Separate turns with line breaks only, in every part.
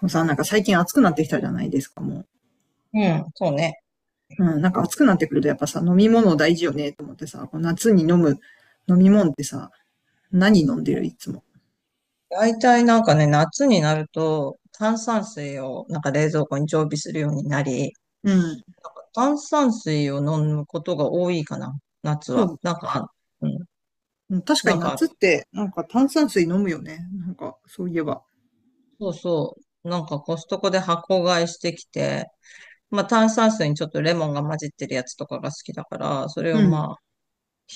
もうさ、最近暑くなってきたじゃないですか、もう。
うん、そうね。
うん、暑くなってくるとやっぱさ、飲み物大事よね、と思ってさ、夏に飲む飲み物ってさ、何飲んで
う
るい
ん
つも。
大体ね、夏になると炭酸水を冷蔵庫に常備するようになり、
うん。
炭酸水を飲むことが多いかな、夏
そ
は。
う。
うん、
確か
な
に
んかあ
夏っ
る。
て、なんか炭酸水飲むよね。なんか、そういえば。
そうそう。コストコで箱買いしてきて、まあ炭酸水にちょっとレモンが混じってるやつとかが好きだから、それ
う
を
ん。
まあ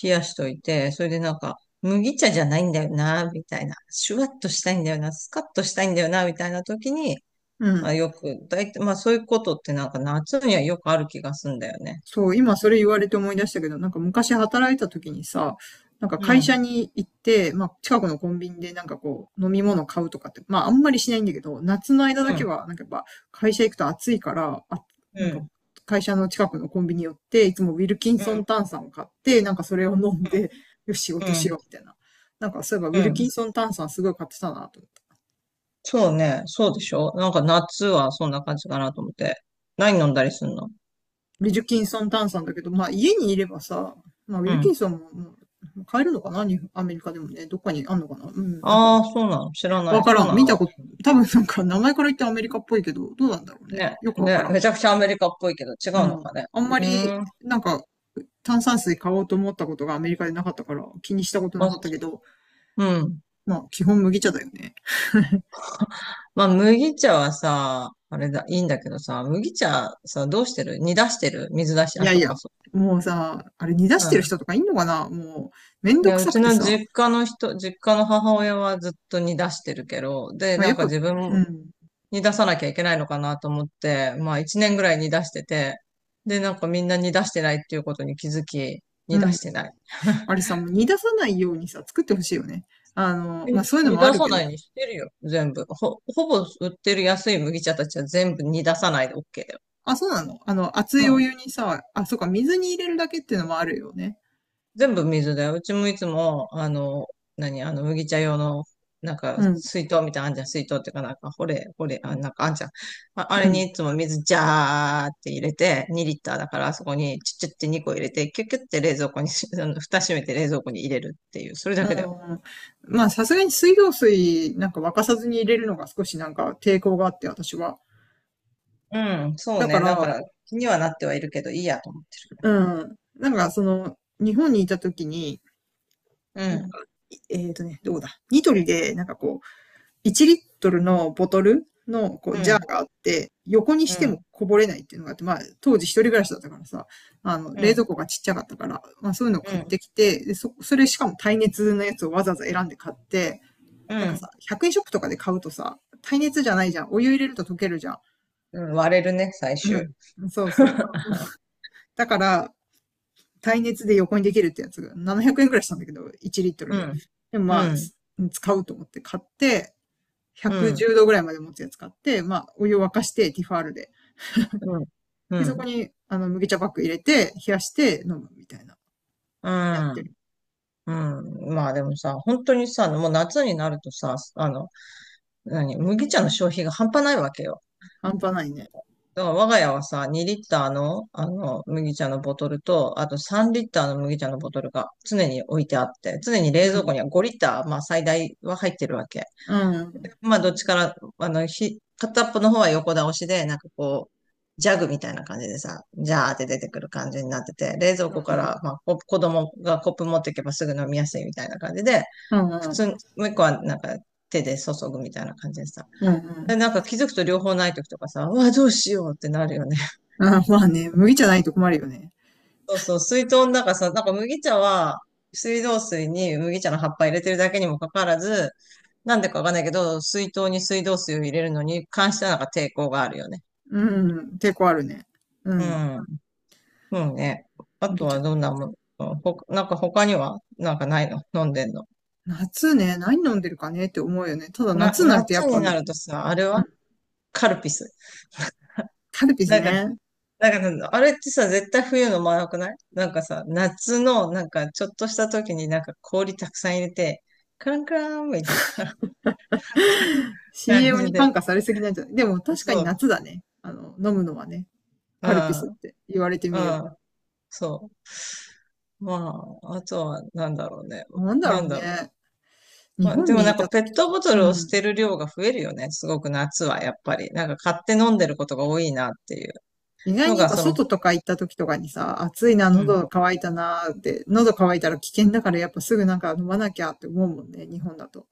冷やしといて、それで麦茶じゃないんだよな、みたいな。シュワッとしたいんだよな、スカッとしたいんだよな、みたいな時に、
う
ま
ん。
あ、よく、だいたい、まあそういうことって夏にはよくある気がすんだよね。
そう、今それ言われて思い出したけど、なんか昔働いた時にさ、なんか
う
会社
ん、
に行って、まあ近くのコンビニでなんかこう飲み物買うとかって、まああんまりしないんだけど、夏の間だ
う
け
ん、
はなんかやっぱ会社行くと暑いから、あ、
う
なんか
ん、
会社の近くのコンビニ寄って、いつもウィルキン
う
ソ
ん、
ン炭酸を買って、なんかそれを飲んで、よし仕
う
事
ん、う
しようみ
ん。
たいな。なんかそういえばウィ
う
ル
ん、
キンソン炭酸すごい買ってたなと思って
そうね、そうでしょ、なんか夏はそんな感じかなと思って。何飲んだりすんの？
ウィルキンソン炭酸だけど、まあ家にいればさ、まあウィ
う
ルキ
ん。
ンソンももう買えるのかな？アメリカでもね、どっかにあんのかな？うん、なんか、
ああ、そうなの？知らな
わ
い。
か
そ
ら
う
ん。
なん
見
だ。
たこと、多分なんか名前から言ってアメリカっぽいけど、どうなんだろうね。
ね、
よくわか
ね、
らん。
めちゃくちゃアメリカっぽいけど違う
う
の
ん。
かね。
あんま
う
り、
ーん、
なんか、炭酸水買おうと思ったことがアメリカでなかったから気にしたこと
ま
な
あ、
かったけど、
うん。
まあ基本麦茶だよね。
まあ麦茶はさ、あれだ、いいんだけどさ、麦茶さ、どうしてる？煮出してる？水出し？
い
あ、
や
そ
い
っ
や、
か、そ
もうさ、あれ煮出し
っ
て
か。
る人とかいんのかな？もう、めん
い
ど
や、
く
う
さく
ち
て
の
さ、
実家の人、実家の母親はずっと煮出してるけど、で、
まあやっぱ、
自分
う
も
ん、
煮出さなきゃいけないのかなと思って、まあ一年ぐらい煮出してて、で、みんな煮出してないっていうことに気づき、煮
う
出
ん、
してない。
あれ さ、もう煮出さないようにさ、作ってほしいよね。あの、
え
まあ、そういうの
煮
もあ
出
る
さ
け
な
ど。
いにしてるよ、全部。ほぼ売ってる安い麦茶たちは全部煮出さないで OK だよ。
あ、そうなの？あの、熱いお湯にさ、あ、そうか、水に入れるだけっていうのもあるよね。
全部水で、うちもいつも、何、麦茶用の、
うん、
水筒みたいなのあんじゃん、水筒っていうか、ほれ、ほれ、あ、なんかあんじゃん。あ、あ
う
れに
ん。
いつも水ジャーって入れて、2リッターだから、あそこにちっちゃって2個入れて、キュッキュッて冷蔵庫にし、あの蓋閉めて冷蔵庫に入れるっていう、それ
あ
だけだよ。
のまあ、さすがに水道水なんか沸かさずに入れるのが少しなんか抵抗があって、私は。
うん、そう
だか
ね、
ら、
気にはなってはいるけど、いいやと思って
うん。なんか、その、日本にいた時に、
る。う
いえっとね、どうだ。ニトリで、なんかこう、1リットルのボトルのこ
ん、
う
う
ジャー
ん、
があって、横に
う
しても
ん、
こぼれないっていうのがあって、まあ、当時一人暮らしだったからさ、あの、
う
冷蔵
ん、
庫がちっちゃかったから、まあそういうのを
う
買って
ん、
きて、でそれしかも耐熱のやつをわざわざ選んで買って、
う
なんか
ん、
さ、100円ショップとかで買うとさ、耐熱じゃないじゃん。お湯入れると溶けるじゃん。
うん、割れるね、最
う
終。
ん。そうそう。だから、耐熱で横にできるってやつが700円くえんくらいしたんだけど、1リットル
う
で。
ん、
でも
う
ま
ん、
あ、使うと思って買って、
うん、う
110
ん。
度ぐらいまで持つやつ買って、まあ、お湯を沸かして、ティファールで。
うん。う
で、そこ
ん。
に、あの、麦茶パック入れて、冷やして飲むみたいな。
う
やって
ん。
る。
うん。まあでもさ、本当にさ、もう夏になるとさ、何、麦茶の消費が半端ないわけよ。
半端ないね。
だから我が家はさ、2リッターの、あの、麦茶のボトルと、あと3リッターの麦茶のボトルが常に置いてあって、常に
う
冷蔵庫
ん。
には5リッター、まあ最大は入ってるわけ。
うん。
まあ、どっちから、あの、片っぽの方は横倒しで、こう、ジャグみたいな感じでさ、ジャーって出てくる感じになってて、冷蔵
う
庫
ん
か
うん。
ら、まあ、子供がコップ持っていけばすぐ飲みやすいみたいな感じで、
うん
普
う
通、
ん。
もう一個はなんか手で注ぐみたいな感じでさ。
う
で、
ん
気づくと両方ない時とかさ、うわ、どうしようってなるよね。
うん。まあね、麦茶ないと困るよね。
そうそう、水筒の中さ、麦茶は、水道水に麦茶の葉っぱ入れてるだけにもかかわらず、なんでかわかんないけど、水筒に水道水を入れるのに関してはなんか抵抗があるよね。
うん。抵抗あるね。う
う
ん。
ん。うんね。あと
麦茶
はどん
ね。
なもの、ほか、他にはなんかないの？飲んでんの？
夏ね、何飲んでるかねって思うよね。ただ
な、
夏になるとやっ
夏
ぱ
に
あの、
なるとさ、あれ
うん。
はカルピス。
カルピス
なんか、
ね。
あれってさ、絶対冬飲まなくない？なんかさ、夏の、ちょっとした時に氷たくさん入れて、カランカランみたいな。感
CM
じ
に
で。
感化されすぎなんじゃない？でも確
そ
かに
う、
夏だね。あの、飲むのはね。
う
カルピスっ
ん、
て言われて
う
みれば。
ん、そう。まあ、あとは、なんだろうね。
なんだ
な
ろう
んだろ
ね。
う。
日
まあ、で
本
も
にいた
ペ
時
ッ
と
ト
か、
ボト
う
ルを捨
ん。
てる量が増えるよね。すごく夏は、やっぱり。買って飲んでることが多いなっていう
意外
の
にやっ
が、
ぱ
その、
外とか行った時とかにさ、暑いな、
うん。
喉乾いたなーって、喉乾いたら危険だからやっぱすぐなんか飲まなきゃって思うもんね、日本だと。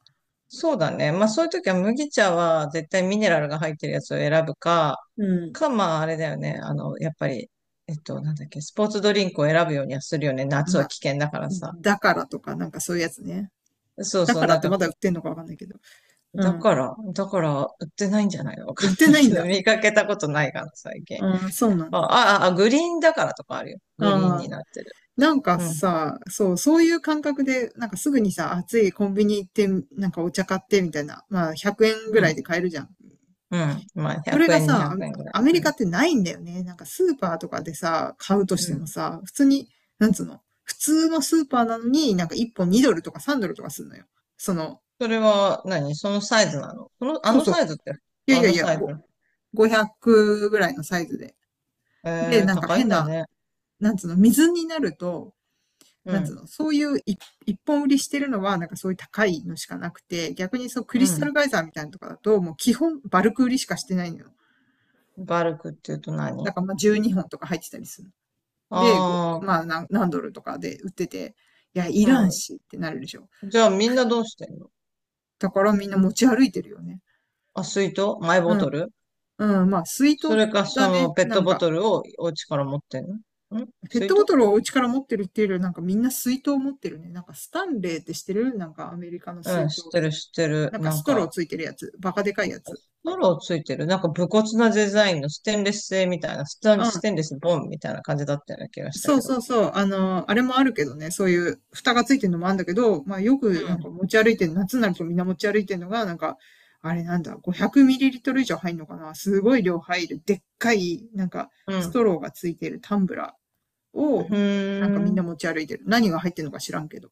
そうだね。まあそういう時は麦茶は絶対ミネラルが入ってるやつを選ぶか、
うん。
まああれだよね。あの、やっぱり、えっと、なんだっけ、スポーツドリンクを選ぶようにはするよね。夏
ま
は
あ、
危険だからさ。
だからとかなんかそういうやつね。
そう
だ
そう、
からってまだ売ってんのかわかんないけど。う
だ
ん。
から、だから、売ってないんじゃないの？わ
売
かん
って
ない
ないん
けど、
だ。
見かけたことないかな、最近。
うん、そうなんだ。
あ、グリーンだからとかあるよ。グリーン
あ
に
あ。
なってる。
なんか
うん、
さ、そう、そういう感覚で、なんかすぐにさ、暑いコンビニ行って、なんかお茶買ってみたいな、まあ100円ぐ
う
らい
ん、
で買えるじゃん。
うん。まあ、
それ
100
が
円、200
さ、
円ぐらい。
アアメリ
う
カ
ん、
ってないんだよね。なんかスーパーとかでさ、買うと
う
しても
ん。
さ、普通に、なんつうの、普通のスーパーなのになんか1本2ドルとか3ドルとかするのよ。その、
それは何、そのサイズなの？その、あ
そう
の
そう。
サイズって、
いや
あ
いや
の
いや、
サイ
ご
ズ。
500ぐらいのサイズで。で、
えー、
なんか
高い
変
んだ
な、
ね。
なんつうの、水になると、
う
なんつう
ん、
の、そういう一一本売りしてるのは、なんかそういう高いのしかなくて、逆にそうクリ
う
スタ
ん。
ルガイザーみたいなのとかだと、もう基本バルク売りしかしてないのよ。
バルクって言うと
だ
何？
からまあ12本とか入ってたりする。で、ご
ああ
まあ何、何ドルとかで売ってて、いや、いらん
ー、
しってなるでしょ。
うん。じゃあみんなどうしてんの？
だからみんな持ち歩いてるよね。
あ、水筒？マイボ
う
ト
ん。
ル？
うん。まあ、水
そ
筒
れか、そ
だね。
の、ペッ
な
ト
ん
ボ
か、
トルをお家から持ってんの？ん、
ペッ
水
トボ
筒？
トルをお家から持ってるっていうよりは、なんかみんな水筒持ってるね。なんかスタンレーってしてるなんかアメリカの
う
水
ん、
筒。
知ってる、知ってる。
なんか
なん
ストロー
か、
ついてるやつ。バカでかいやつ。
ロついてる。なんか、武骨なデザインのステンレス製みたいな、
う
ス
ん。
テンレスボンみたいな感じだったような気がした
そ
け
う
ど。
そうそう。あの、あれもあるけどね、そういう蓋がついてるのもあるんだけど、まあよくなんか持ち歩いてる、夏になるとみんな持ち歩いてるのが、なんか、あれなんだ、500ml 以上入るのかな？すごい量入る、でっかい、なんか、
うん、う
ス
ん。
トローがついてるタンブラー
う
を、なんか
ー
みんな
ん。
持ち歩いてる。何が入ってるのか知らんけど。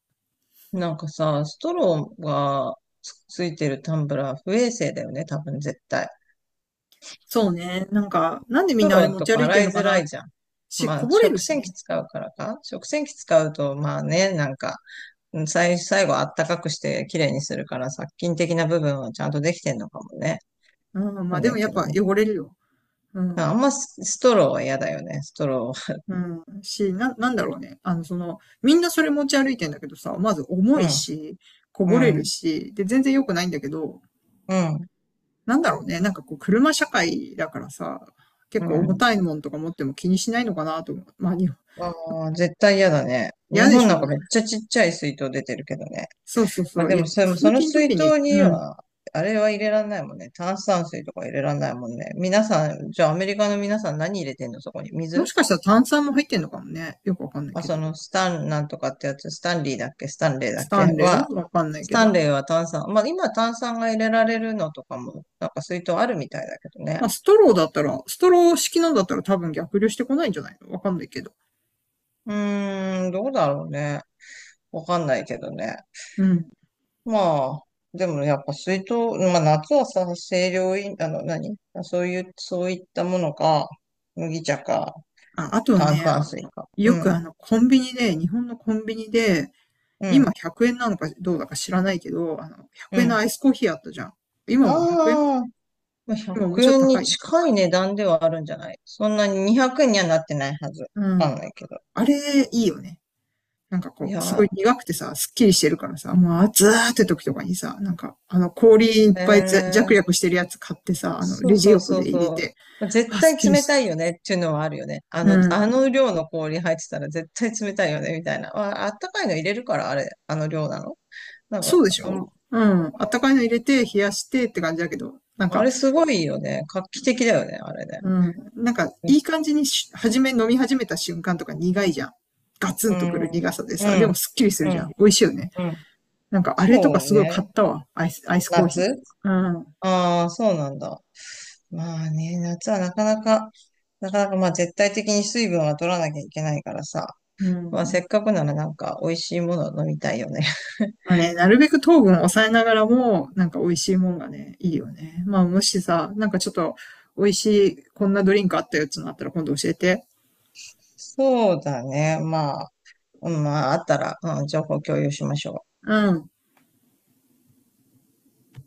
なんかさ、ストローがついてるタンブラー不衛生だよね、多分絶対。
そうね。なんか、なんで
ス
みん
ト
なあれ
ロー
持
と
ち
か
歩いて
洗
る
い
のか
づら
な？
いじゃん。
こ
まあ、
ぼれる
食
し
洗機
ね。
使うからか。食洗機使うと、まあね、なんか、うん、最後あったかくして綺麗にするから、殺菌的な部分はちゃんとできてんのかもね。
うん、ま
わか
あ
ん
で
な
も
い
や
け
っ
ど
ぱ
も、
汚れるよ。うん。
ス、ストローは嫌だよね、ストロー。
うん、なんだろうね。あの、その、みんなそれ持ち歩いてんだけどさ、まず重
う
い
ん、
し、こぼれ
う
る
ん、
し、で、全然良くないんだけど、
うん、
なんだろうね。なんかこう、車社会だからさ、
う
結構重
ん。
たいもんとか持っても気にしないのかなと思う。まあ、日本
ああ、絶対嫌だね。
嫌
日
で
本
し
なんかめ
ょ。
っちゃちっちゃい水筒出てるけどね。
そうそう
まあ
そう。
で
いや、
もそれも
通
その
勤
水
時に、
筒に
うん。
は、あれは入れらんないもんね。炭酸水とか入れらんないもんね。皆さん、じゃあアメリカの皆さん何入れてんのそこに。
も
水？
しかしたら炭酸も入ってんのかもね。よくわかんない
あ、
け
そ
ど。
のスタンなんとかってやつ、スタンリーだっけ？スタンレーだっ
スタ
け？
ンレ
は、
ーわかんない
ス
け
タン
ど。
レーは炭酸。まあ今炭酸が入れられるのとかも、なんか水筒あるみたいだけどね。
まあ、ストローだったら、ストロー式のだったら多分逆流してこないんじゃないの？わかんないけど。
うーん、どうだろうね。わかんないけどね。
うん。
まあ、でもやっぱ水筒、まあ夏はさ、清涼飲、あの何、そういう、そういったものか、麦茶か、
あ、あとは
炭
ね、
酸水か。う
よくあ
ん、
の、コンビニで、日本のコンビニで、
うん、
今100円なのかどうだか知らないけど、あの、
う
100円の
ん。
アイスコーヒーあったじゃん。今も100円？
ああ、まあ
今もう
100
ちょっと
円
高
に
い。
近い値段ではあるんじゃない？そんなに200円にはなってないはず。
う
わ
ん。
かんないけど。
あれ、いいよね。なんか
い
こう、すごい
や、
苦くてさ、すっきりしてるからさ、もう暑ーって時とかにさ、なんか、あの、氷いっ
え
ぱいざジ
ー、
ャクしてるやつ買ってさ、あの、
そう
レジ
そう
横
そう
で入れ
そ
て、
う。絶
あ、すっ
対
きり
冷
した。
たいよねっていうのはあるよね。あ
う
の、
ん。
あの量の氷入ってたら絶対冷たいよねみたいな。まあ、あったかいの入れるからあれ、あの量なの？なんか、
そうでし
あ、
ょ？うん。あったかいの入れて、冷やしてって感じだけど、なん
あ
か、
れすごいよね。画期的だよね、あれね。
うん。なんか、
う
いい感じにし、初め飲み始めた瞬間とか苦いじゃん。ガツンとくる
ん、
苦さで
う
さ、でも
ん、
すっきりする
う
じゃん。
ん、
美味しいよね。
うん。
なんか、あ
そ
れとか
う
すごい買
ね。
ったわ。アイス、アイスコーヒーと
夏、
か。
ああー、そうなんだ。まあね、夏はなかなか、なかなかまあ絶対的に水分は取らなきゃいけないからさ。
うん。う
まあせっ
ん。
かくならなんか美味しいものを飲みたいよね。
まあね、なるべく糖分を抑えながらも、なんか美味しいもんがね、いいよね。まあ、もしさ、なんかちょっと、美味しい、こんなドリンクあったよってのあったら今度教えて。
そうだね。まあ、うん、まあ、あったら、うん、情報共有しましょう。
うん。